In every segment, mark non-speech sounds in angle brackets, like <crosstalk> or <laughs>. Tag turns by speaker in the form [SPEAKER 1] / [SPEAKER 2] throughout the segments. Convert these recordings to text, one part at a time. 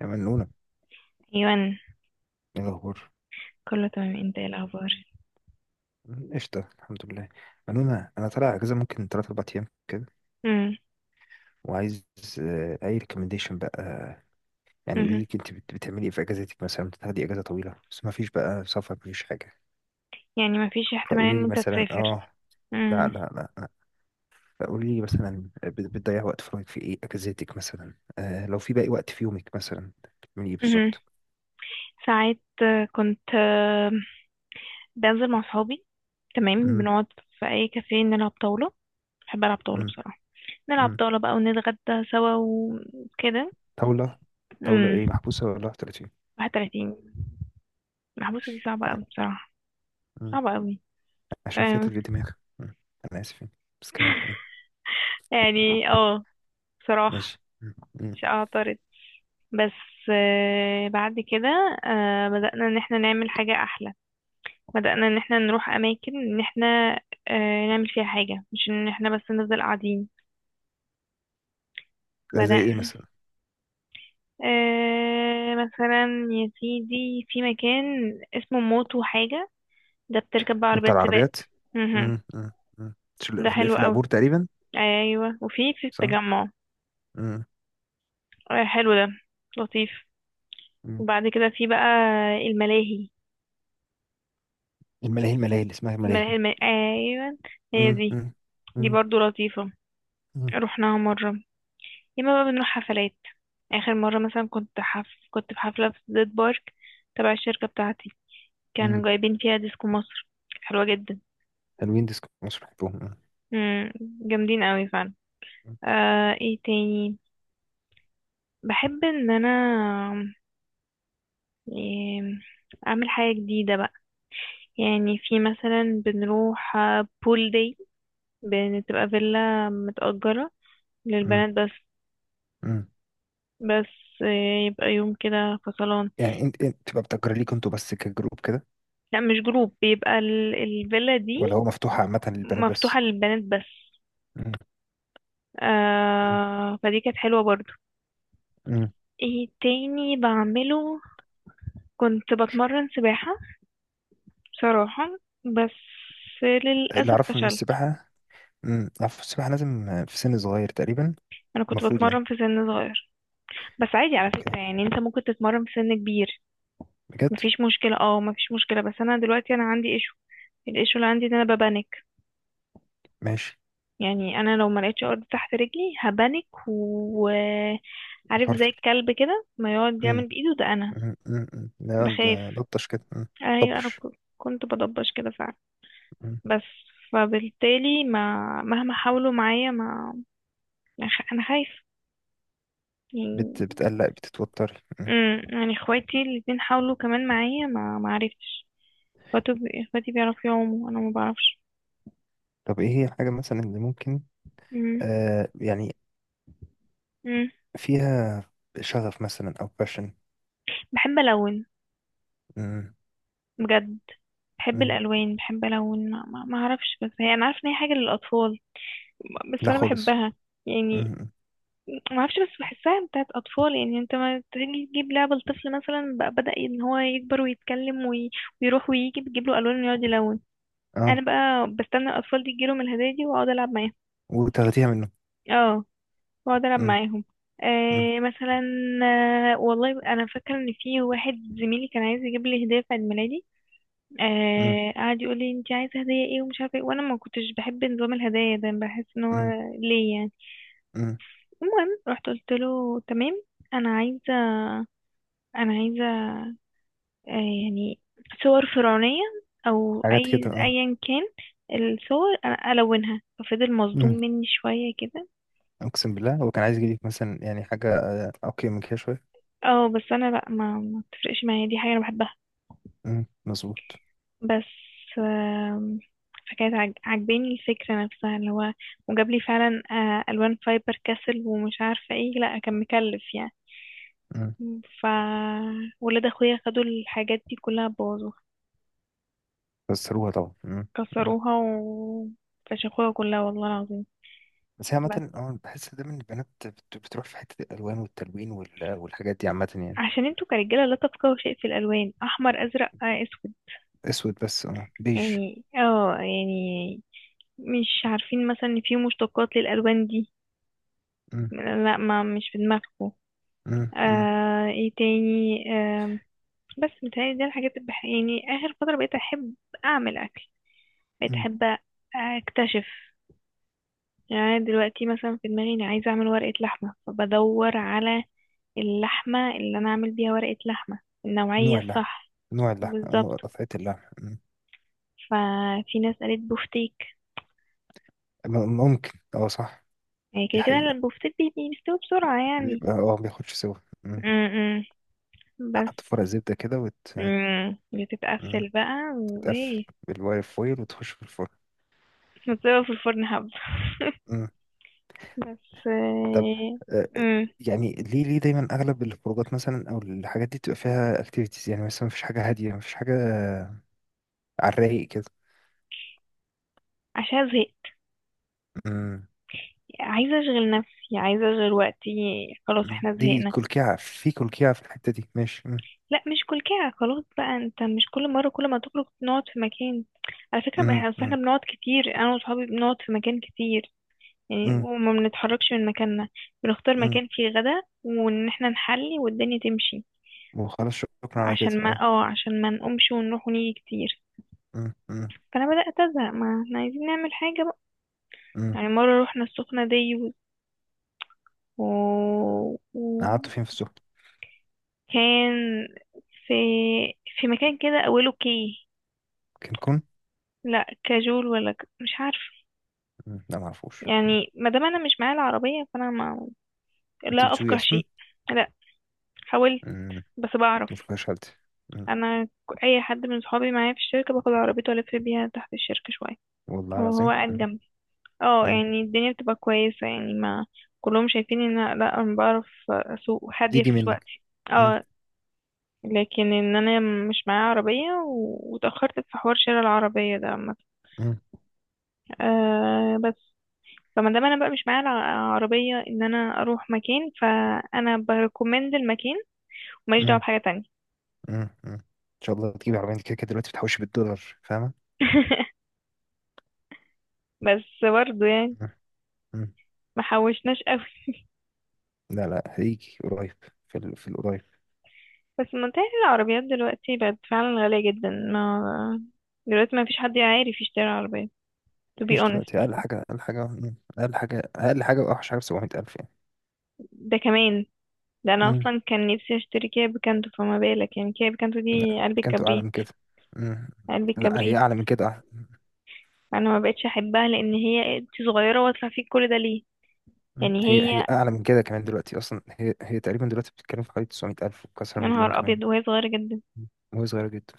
[SPEAKER 1] يا منونة.
[SPEAKER 2] ايوان.
[SPEAKER 1] ايه الأخبار؟
[SPEAKER 2] كله تمام، انت ايه الاخبار؟
[SPEAKER 1] قشطة، الحمد لله. منونة، أنا طالع أجازة ممكن تلات أربع أيام كده
[SPEAKER 2] امم.
[SPEAKER 1] وعايز أي ريكومنديشن بقى. يعني قولي
[SPEAKER 2] امم
[SPEAKER 1] لي أنت بتعملي إيه في أجازتك؟ مثلا بتاخدي أجازة طويلة بس ما فيش بقى سفر، مفيش حاجة.
[SPEAKER 2] يعني ما فيش احتمال
[SPEAKER 1] فقولي
[SPEAKER 2] ان
[SPEAKER 1] لي
[SPEAKER 2] انت
[SPEAKER 1] مثلا
[SPEAKER 2] تسافر؟
[SPEAKER 1] آه. لا
[SPEAKER 2] امم.
[SPEAKER 1] لا لا لا فقولي لي مثلا بتضيع وقت فراغك في إيه أجازتك؟ مثلا آه لو في باقي وقت في يومك مثلا، بتعملي إيه
[SPEAKER 2] امم
[SPEAKER 1] بالظبط؟
[SPEAKER 2] ساعات كنت بنزل مع صحابي، تمام،
[SPEAKER 1] مم،
[SPEAKER 2] بنقعد في اي كافيه، نلعب طاولة. بحب العب طاولة
[SPEAKER 1] مم،
[SPEAKER 2] بصراحة. نلعب
[SPEAKER 1] مم.
[SPEAKER 2] طاولة بقى ونتغدى سوا وكده.
[SPEAKER 1] طاولة. طاولة
[SPEAKER 2] امم.
[SPEAKER 1] إيه، محبوسة ولا
[SPEAKER 2] 31. المحبوسة دي صعبة
[SPEAKER 1] 30؟
[SPEAKER 2] قوي بصراحة. صعبة قوي.
[SPEAKER 1] عشان فيها
[SPEAKER 2] أيوة.
[SPEAKER 1] تشغيل دماغ. مم. انا اسف يعني. بس كمل.
[SPEAKER 2] <laughs> يعني اه بصراحة
[SPEAKER 1] ماشي.
[SPEAKER 2] مش اعترض. بس بعد كده بدأنا ان احنا نعمل حاجة احلى، بدأنا ان احنا نروح اماكن ان احنا نعمل فيها حاجة، مش ان احنا بس نفضل قاعدين.
[SPEAKER 1] ده زي
[SPEAKER 2] بدأنا.
[SPEAKER 1] ايه مثلا؟
[SPEAKER 2] مثلا يا سيدي في مكان اسمه موتو حاجة، ده بتركب بقى
[SPEAKER 1] ده بتاع
[SPEAKER 2] عربيات سباق.
[SPEAKER 1] العربيات.
[SPEAKER 2] مهم.
[SPEAKER 1] مم. مم. مم. في
[SPEAKER 2] ده حلو
[SPEAKER 1] في
[SPEAKER 2] قوي.
[SPEAKER 1] العبور تقريبا.
[SPEAKER 2] ايوه، وفي
[SPEAKER 1] صح.
[SPEAKER 2] التجمع.
[SPEAKER 1] مم.
[SPEAKER 2] حلو ده، لطيف.
[SPEAKER 1] مم.
[SPEAKER 2] وبعد كده في بقى الملاهي.
[SPEAKER 1] الملاهي، الملاهي اللي اسمها ملاهي.
[SPEAKER 2] ايوه، هي
[SPEAKER 1] مم.
[SPEAKER 2] دي.
[SPEAKER 1] مم.
[SPEAKER 2] دي
[SPEAKER 1] مم.
[SPEAKER 2] برضو لطيفة،
[SPEAKER 1] مم.
[SPEAKER 2] رحناها مرة. ياما بقى بنروح حفلات. آخر مرة مثلا كنت في حفلة في زيت بارك، تبع الشركة بتاعتي، كانوا
[SPEAKER 1] مم.
[SPEAKER 2] جايبين فيها ديسكو مصر، كانت حلوة جدا.
[SPEAKER 1] حلوين ديسكو مصر، بحبهم.
[SPEAKER 2] مم. جامدين قوي فعلا.
[SPEAKER 1] مم.
[SPEAKER 2] ايه تاني؟ بحب ان انا إيه... اعمل حاجة جديدة بقى. يعني في مثلا بنروح بول داي، بتبقى فيلا متأجرة
[SPEAKER 1] مم.
[SPEAKER 2] للبنات بس.
[SPEAKER 1] مم.
[SPEAKER 2] بس يبقى يوم كده فصلان.
[SPEAKER 1] يعني انت تبقى بتأجر ليكوا انتوا بس كجروب كده
[SPEAKER 2] لا مش جروب، بيبقى الفيلا دي
[SPEAKER 1] ولا هو مفتوح عامة للبنات بس؟
[SPEAKER 2] مفتوحة للبنات بس.
[SPEAKER 1] مم. مم.
[SPEAKER 2] آه فدي كانت حلوة برضو.
[SPEAKER 1] مم.
[SPEAKER 2] ايه تاني بعمله؟ كنت بتمرن سباحة بصراحة، بس
[SPEAKER 1] اللي
[SPEAKER 2] للأسف
[SPEAKER 1] اعرفه ان
[SPEAKER 2] فشلت.
[SPEAKER 1] السباحة، اعرف السباحة لازم في سن صغير تقريبا.
[SPEAKER 2] أنا كنت
[SPEAKER 1] المفروض يعني.
[SPEAKER 2] بتمرن في سن صغير، بس عادي على
[SPEAKER 1] اوكي،
[SPEAKER 2] فكرة، يعني أنت ممكن تتمرن في سن كبير،
[SPEAKER 1] بجد؟
[SPEAKER 2] مفيش مشكلة. اه مفيش مشكلة. بس أنا دلوقتي أنا عندي ايشو، الايشو اللي عندي إن أنا ببانك.
[SPEAKER 1] ماشي.
[SPEAKER 2] يعني انا لو ما لقيتش ارض تحت رجلي هبانك، وعارف زي
[SPEAKER 1] فرفر.
[SPEAKER 2] الكلب كده ما يقعد
[SPEAKER 1] مم.
[SPEAKER 2] يعمل بايده، ده انا
[SPEAKER 1] لا
[SPEAKER 2] بخاف.
[SPEAKER 1] ده لطش كده.
[SPEAKER 2] ايوه انا
[SPEAKER 1] طبش.
[SPEAKER 2] كنت بضبش كده فعلا.
[SPEAKER 1] مم.
[SPEAKER 2] بس فبالتالي ما مهما حاولوا معايا ما ما خ- انا خايف يعني.
[SPEAKER 1] بتقلق، بتتوتري.
[SPEAKER 2] يعني اخواتي الاتنين حاولوا كمان معايا، ما ما عرفتش. اخواتي، اخواتي بيعرفوا يعوموا، انا ما بعرفش.
[SPEAKER 1] طب ايه هي الحاجة مثلا اللي ممكن
[SPEAKER 2] امم.
[SPEAKER 1] يعني
[SPEAKER 2] امم.
[SPEAKER 1] فيها شغف مثلا او باشن؟
[SPEAKER 2] بحب الون بجد. بحب الالوان، بحب الون، ما اعرفش، بس هي انا عارفه ان هي حاجه للاطفال، بس
[SPEAKER 1] لا
[SPEAKER 2] انا
[SPEAKER 1] خالص.
[SPEAKER 2] بحبها يعني.
[SPEAKER 1] مم.
[SPEAKER 2] ما اعرفش، بس بحسها بتاعت اطفال، يعني انت ما تيجي تجيب لعبه لطفل مثلا بقى، بدا ان هو يكبر ويتكلم ويروح ويجي، بتجيب له الوان ويقعد يلون. انا
[SPEAKER 1] اه.
[SPEAKER 2] بقى بستنى الاطفال دي تجيلهم الهدايا دي واقعد العب معاهم.
[SPEAKER 1] وتاخديها منه.
[SPEAKER 2] اه واقعد العب
[SPEAKER 1] مم.
[SPEAKER 2] معاهم.
[SPEAKER 1] مم.
[SPEAKER 2] مثلا. آه والله انا فاكره ان في واحد زميلي كان عايز يجيب لي هديه في عيد ميلادي،
[SPEAKER 1] مم.
[SPEAKER 2] قعد يقول لي انت عايزه هديه ايه ومش عارفه ايه، وانا ما كنتش بحب نظام الهدايا ده، بحس ان هو
[SPEAKER 1] مم.
[SPEAKER 2] ليه يعني.
[SPEAKER 1] مم.
[SPEAKER 2] المهم رحت قلت له تمام، انا عايزه، انا عايزه آه يعني صور فرعونيه او
[SPEAKER 1] حاجات كده
[SPEAKER 2] اي
[SPEAKER 1] اه.
[SPEAKER 2] ايا كان. الصور انا الونها، ففضل مصدوم
[SPEAKER 1] مم.
[SPEAKER 2] مني شويه كده.
[SPEAKER 1] اقسم بالله هو كان عايز يجيلك مثلا يعني حاجة اوكي من كده شوية.
[SPEAKER 2] اه بس انا لا، ما بتفرقش معايا، دي حاجه انا بحبها.
[SPEAKER 1] مظبوط.
[SPEAKER 2] بس آم، فكانت عجباني الفكرة نفسها، اللي هو وجاب لي فعلا ألوان فايبر كاسل ومش عارفة ايه، لا كان مكلف يعني.
[SPEAKER 1] مم.
[SPEAKER 2] مم. ولاد اخويا خدوا الحاجات دي كلها، بوظوها،
[SPEAKER 1] بس روها طبعا.
[SPEAKER 2] كسروها و فشخوها كلها والله العظيم.
[SPEAKER 1] بس هي
[SPEAKER 2] بس
[SPEAKER 1] عامة أه بحس دايما إن البنات بتروح في حتة الألوان والتلوين والحاجات دي عامة يعني.
[SPEAKER 2] عشان انتوا كرجالة لا تفقهوا شيء في الألوان، أحمر أزرق أسود،
[SPEAKER 1] أسود بس، أه، بيج.
[SPEAKER 2] يعني اه يعني مش عارفين مثلا ان في مشتقات للألوان دي.
[SPEAKER 1] مم،
[SPEAKER 2] لا، ما مش في دماغكم.
[SPEAKER 1] مم، مم،
[SPEAKER 2] ايه تاني؟ بس متهيألي دي الحاجات اللي يعني آخر فترة بقيت أحب أعمل أكل، بقيت
[SPEAKER 1] مم.
[SPEAKER 2] أحب أكتشف. يعني أنا دلوقتي مثلا في دماغي أنا عايزة أعمل ورقة لحمة، فبدور على اللحمة اللي أنا أعمل بيها ورقة لحمة، النوعية
[SPEAKER 1] نوع اللحم.
[SPEAKER 2] الصح.
[SPEAKER 1] نوع اللحم نوع
[SPEAKER 2] بالظبط.
[SPEAKER 1] قطعة اللحم.
[SPEAKER 2] ففي ناس قالت بوفتيك.
[SPEAKER 1] ممكن، أه صح.
[SPEAKER 2] يعني
[SPEAKER 1] دي
[SPEAKER 2] كده كده
[SPEAKER 1] حقيقة.
[SPEAKER 2] البوفتيك بيستوي بسرعة يعني.
[SPEAKER 1] بيبقى أه بياخدش سوا.
[SPEAKER 2] م
[SPEAKER 1] مم.
[SPEAKER 2] -م. بس
[SPEAKER 1] تحط فرق زبدة كده وتتقفل
[SPEAKER 2] بتتقفل بقى وإيه،
[SPEAKER 1] بالواير فويل وتخش في الفرن.
[SPEAKER 2] بتسيبها في الفرن حبة <laughs>
[SPEAKER 1] مم.
[SPEAKER 2] بس
[SPEAKER 1] طب،
[SPEAKER 2] آه،
[SPEAKER 1] آه،
[SPEAKER 2] امم
[SPEAKER 1] يعني ليه، ليه دايما أغلب الخروجات مثلا أو الحاجات دي بتبقى فيها أكتيفيتيز؟ يعني مثلا مفيش حاجة هادية، مفيش حاجة على الرايق كده.
[SPEAKER 2] عشان زهقت،
[SPEAKER 1] مم.
[SPEAKER 2] عايزة اشغل نفسي، عايزة اشغل وقتي، خلاص احنا
[SPEAKER 1] دي
[SPEAKER 2] زهقنا.
[SPEAKER 1] كلكعة في كلكعة في الحتة دي. ماشي.
[SPEAKER 2] لا مش كل كده خلاص بقى، انت مش كل مرة كل ما تخرج نقعد في مكان. على فكرة بقى
[SPEAKER 1] مم.
[SPEAKER 2] احنا، أصل إحنا
[SPEAKER 1] مم.
[SPEAKER 2] بنقعد كتير، انا وصحابي بنقعد في مكان كتير يعني،
[SPEAKER 1] مم.
[SPEAKER 2] وما بنتحركش من مكاننا. بنختار
[SPEAKER 1] مم.
[SPEAKER 2] مكان فيه غدا وان احنا نحلي والدنيا تمشي.
[SPEAKER 1] وخلاص، شكرا على كده
[SPEAKER 2] عشان ما
[SPEAKER 1] اه.
[SPEAKER 2] اه عشان ما نقومش ونروح ونيجي كتير.
[SPEAKER 1] مم. مم.
[SPEAKER 2] فانا بدأت ازهق، ما احنا عايزين نعمل حاجة بقى.
[SPEAKER 1] مم.
[SPEAKER 2] يعني مرة روحنا السخنة دي،
[SPEAKER 1] قعدت
[SPEAKER 2] وكان
[SPEAKER 1] فين في السوق؟
[SPEAKER 2] في مكان كده أوله كي.
[SPEAKER 1] كين، كون.
[SPEAKER 2] لا كاجول ولا مش عارفة.
[SPEAKER 1] لا معرفوش.
[SPEAKER 2] يعني ما دام أنا مش معايا العربية فأنا ما...
[SPEAKER 1] انت
[SPEAKER 2] لا
[SPEAKER 1] بتسوقي
[SPEAKER 2] أفقه
[SPEAKER 1] اصلا؟
[SPEAKER 2] شيء. لا، حاولت
[SPEAKER 1] مم.
[SPEAKER 2] بس بعرف.
[SPEAKER 1] مفكرش حالتي. مم.
[SPEAKER 2] أنا أي حد من صحابي معايا في الشركة باخد عربيته، ألف بيها تحت الشركة شوية
[SPEAKER 1] والله
[SPEAKER 2] وهو
[SPEAKER 1] العظيم.
[SPEAKER 2] قاعد جنبي، اه
[SPEAKER 1] مم.
[SPEAKER 2] يعني الدنيا بتبقى كويسة يعني. ما كلهم شايفين ان لا انا بعرف اسوق، هادية في
[SPEAKER 1] تيجي منك.
[SPEAKER 2] سواقتي.
[SPEAKER 1] مم.
[SPEAKER 2] اه، لكن ان انا مش معايا عربية، واتأخرت في حوار شراء العربية ده عامة.
[SPEAKER 1] مم.
[SPEAKER 2] أه بس، فما دام انا بقى مش معايا عربية، ان انا اروح مكان، فانا بريكومند المكان وماليش دعوة
[SPEAKER 1] مم.
[SPEAKER 2] بحاجة تانية.
[SPEAKER 1] مم. مم. ان شاء الله تجيبي عربية، انت كده كده دلوقتي بتحوشي بالدولار، فاهمة.
[SPEAKER 2] <laughs> بس برضه يعني
[SPEAKER 1] مم. مم.
[SPEAKER 2] ما حوشناش قوي.
[SPEAKER 1] لا لا، هيجي قريب، في في القريب.
[SPEAKER 2] بس منتهي العربيات دلوقتي بقت فعلا غالية جدا، ما دلوقتي ما فيش حد عارف يشتري عربية. to be
[SPEAKER 1] مفيش دلوقتي،
[SPEAKER 2] honest.
[SPEAKER 1] اقل حاجه، اقل حاجه، اقل حاجه، اقل حاجه، واوحش حاجه ب 700,000 يعني.
[SPEAKER 2] ده كمان. ده انا
[SPEAKER 1] مم.
[SPEAKER 2] اصلا كان نفسي اشتري كيا بيكانتو، فما بالك يعني كيا بيكانتو
[SPEAKER 1] لا
[SPEAKER 2] دي قلب
[SPEAKER 1] كانت اعلى
[SPEAKER 2] الكبريت.
[SPEAKER 1] من كده. مم.
[SPEAKER 2] قلب
[SPEAKER 1] لا هي
[SPEAKER 2] الكبريت.
[SPEAKER 1] اعلى من كده، أعلى.
[SPEAKER 2] انا ما بقتش احبها، لان هي انت صغيره واطلع فيك كل ده ليه؟ يعني
[SPEAKER 1] هي
[SPEAKER 2] هي
[SPEAKER 1] اعلى من كده كمان، دلوقتي اصلا هي تقريبا دلوقتي بتتكلم في حوالي 900,000 وكسر
[SPEAKER 2] يا
[SPEAKER 1] مليون
[SPEAKER 2] نهار
[SPEAKER 1] كمان.
[SPEAKER 2] ابيض وهي صغيره جدا.
[SPEAKER 1] مم. وهي صغيره جدا.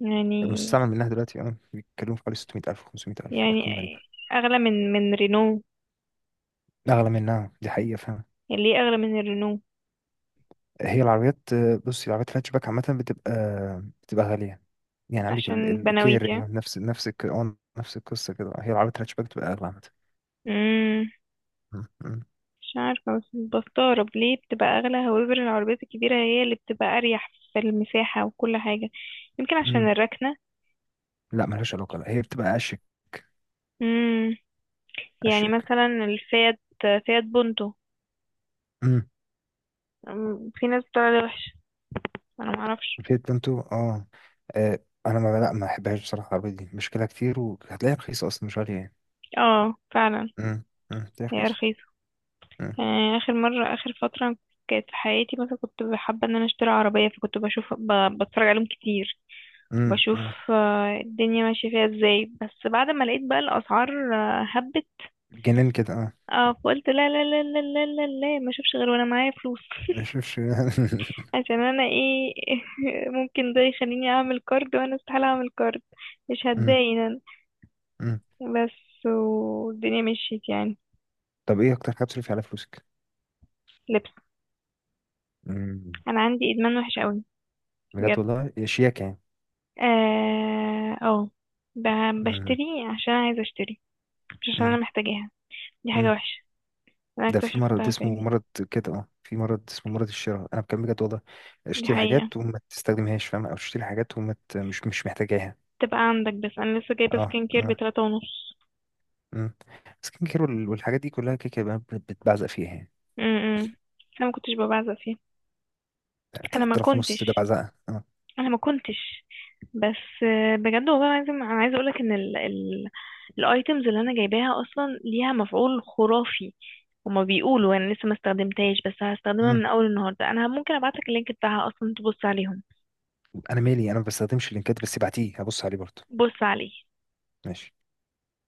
[SPEAKER 2] يعني،
[SPEAKER 1] فالمستعمل منها دلوقتي اه بيتكلموا في حوالي 600,000، 500,000،
[SPEAKER 2] يعني
[SPEAKER 1] ارقام غريبه.
[SPEAKER 2] اغلى من رينو.
[SPEAKER 1] اغلى منها، دي حقيقه.
[SPEAKER 2] يعني ليه اغلى من الرينو؟
[SPEAKER 1] هي العربيات، بصي، العربيات الهاتشباك عامة بتبقى بتبقى غالية. يعني عندك
[SPEAKER 2] عشان بناويت
[SPEAKER 1] الكير، هي
[SPEAKER 2] يعني.
[SPEAKER 1] نفس نفس القصة كده. هي العربيات الهاتشباك بتبقى أغلى عامة.
[SPEAKER 2] امم.
[SPEAKER 1] مم، مم،
[SPEAKER 2] مش عارفه، بس بستغرب ليه بتبقى اغلى، هوايبر العربيات الكبيره هي اللي بتبقى اريح في المساحه وكل حاجه. يمكن عشان
[SPEAKER 1] مم.
[SPEAKER 2] الركنه.
[SPEAKER 1] لا ملهاش علاقة، لا هي بتبقى أشيك.
[SPEAKER 2] امم. يعني
[SPEAKER 1] أشيك.
[SPEAKER 2] مثلا الفيات، فيات بونتو.
[SPEAKER 1] مم.
[SPEAKER 2] أمم، في ناس بتقول عليها وحش، انا معرفش.
[SPEAKER 1] الفيت بنتو، اه، آه، أنا ما بحبهاش بصراحة. العربية دي مشكلة كتير وهتلاقيها رخيصة أصلا، مش غالية يعني.
[SPEAKER 2] اه فعلا.
[SPEAKER 1] مم، هتلاقيها
[SPEAKER 2] هي
[SPEAKER 1] رخيصة.
[SPEAKER 2] رخيصه
[SPEAKER 1] مم،
[SPEAKER 2] يعني. اخر مره، اخر فتره كانت في حياتي، مثلا كنت حابه ان انا اشتري عربيه، فكنت بشوف بتفرج عليهم كتير،
[SPEAKER 1] مم،
[SPEAKER 2] بشوف
[SPEAKER 1] مم.
[SPEAKER 2] الدنيا ماشيه فيها ازاي. بس بعد ما لقيت بقى الاسعار هبت،
[SPEAKER 1] جنان كده اه.
[SPEAKER 2] اه فقلت لا لا لا لا لا لا لا ما اشوفش غير وانا معايا فلوس.
[SPEAKER 1] ما يشوفش
[SPEAKER 2] <laughs>
[SPEAKER 1] <laughs>
[SPEAKER 2] عشان انا ايه <laughs> ممكن ده يخليني اعمل كارد، وانا استحاله اعمل كارد، مش
[SPEAKER 1] مم،
[SPEAKER 2] هتضايق انا.
[SPEAKER 1] مم.
[SPEAKER 2] بس والدنيا مشيت يعني.
[SPEAKER 1] طب ايه أكتر حاجة بتصرفي على فلوسك؟
[SPEAKER 2] لبس.
[SPEAKER 1] مم.
[SPEAKER 2] انا عندي ادمان وحش قوي.
[SPEAKER 1] بجد
[SPEAKER 2] بجد.
[SPEAKER 1] والله، يا شياكة يعني.
[SPEAKER 2] اه أو
[SPEAKER 1] مم.
[SPEAKER 2] بشتري عشان عايزة اشتري، مش عشان انا
[SPEAKER 1] مم.
[SPEAKER 2] محتاجاها، دي حاجة
[SPEAKER 1] مم.
[SPEAKER 2] وحشة. انا
[SPEAKER 1] ده في مرض
[SPEAKER 2] اكتشفتها فين؟
[SPEAKER 1] اسمه مرض كده اه، في مرض اسمه مرض الشراء، انا بكلم بجد والله.
[SPEAKER 2] دي
[SPEAKER 1] اشتري
[SPEAKER 2] حقيقة،
[SPEAKER 1] حاجات وما تستخدمهاش، فاهم، او تشتري حاجات وما ت- مش مش محتاجاها.
[SPEAKER 2] تبقى عندك. بس انا لسه جايبة
[SPEAKER 1] اه
[SPEAKER 2] سكين كير
[SPEAKER 1] اه.
[SPEAKER 2] بتلاتة ونص.
[SPEAKER 1] امم. سكين كير والحاجات دي كلها كده كده بقى بتبعزق فيها يعني.
[SPEAKER 2] امم. انا ما كنتش ببعزق فيه. انا ما
[SPEAKER 1] 3,000 ونص ده
[SPEAKER 2] كنتش
[SPEAKER 1] بعزقه اه.
[SPEAKER 2] انا ما كنتش. بس بجد والله العظيم انا عايزه اقولك ان ال الايتمز اللي انا جايباها اصلا ليها مفعول خرافي. هما بيقولوا، انا لسه ما استخدمتهاش، بس هستخدمها
[SPEAKER 1] مم.
[SPEAKER 2] من اول النهارده. انا ممكن ابعتلك اللينك بتاعها اصلا تبص عليهم،
[SPEAKER 1] انا مالي، انا ما بستخدمش اللينكات، بس ابعتيه هبص عليه برضه.
[SPEAKER 2] بص عليه.
[SPEAKER 1] ماشي.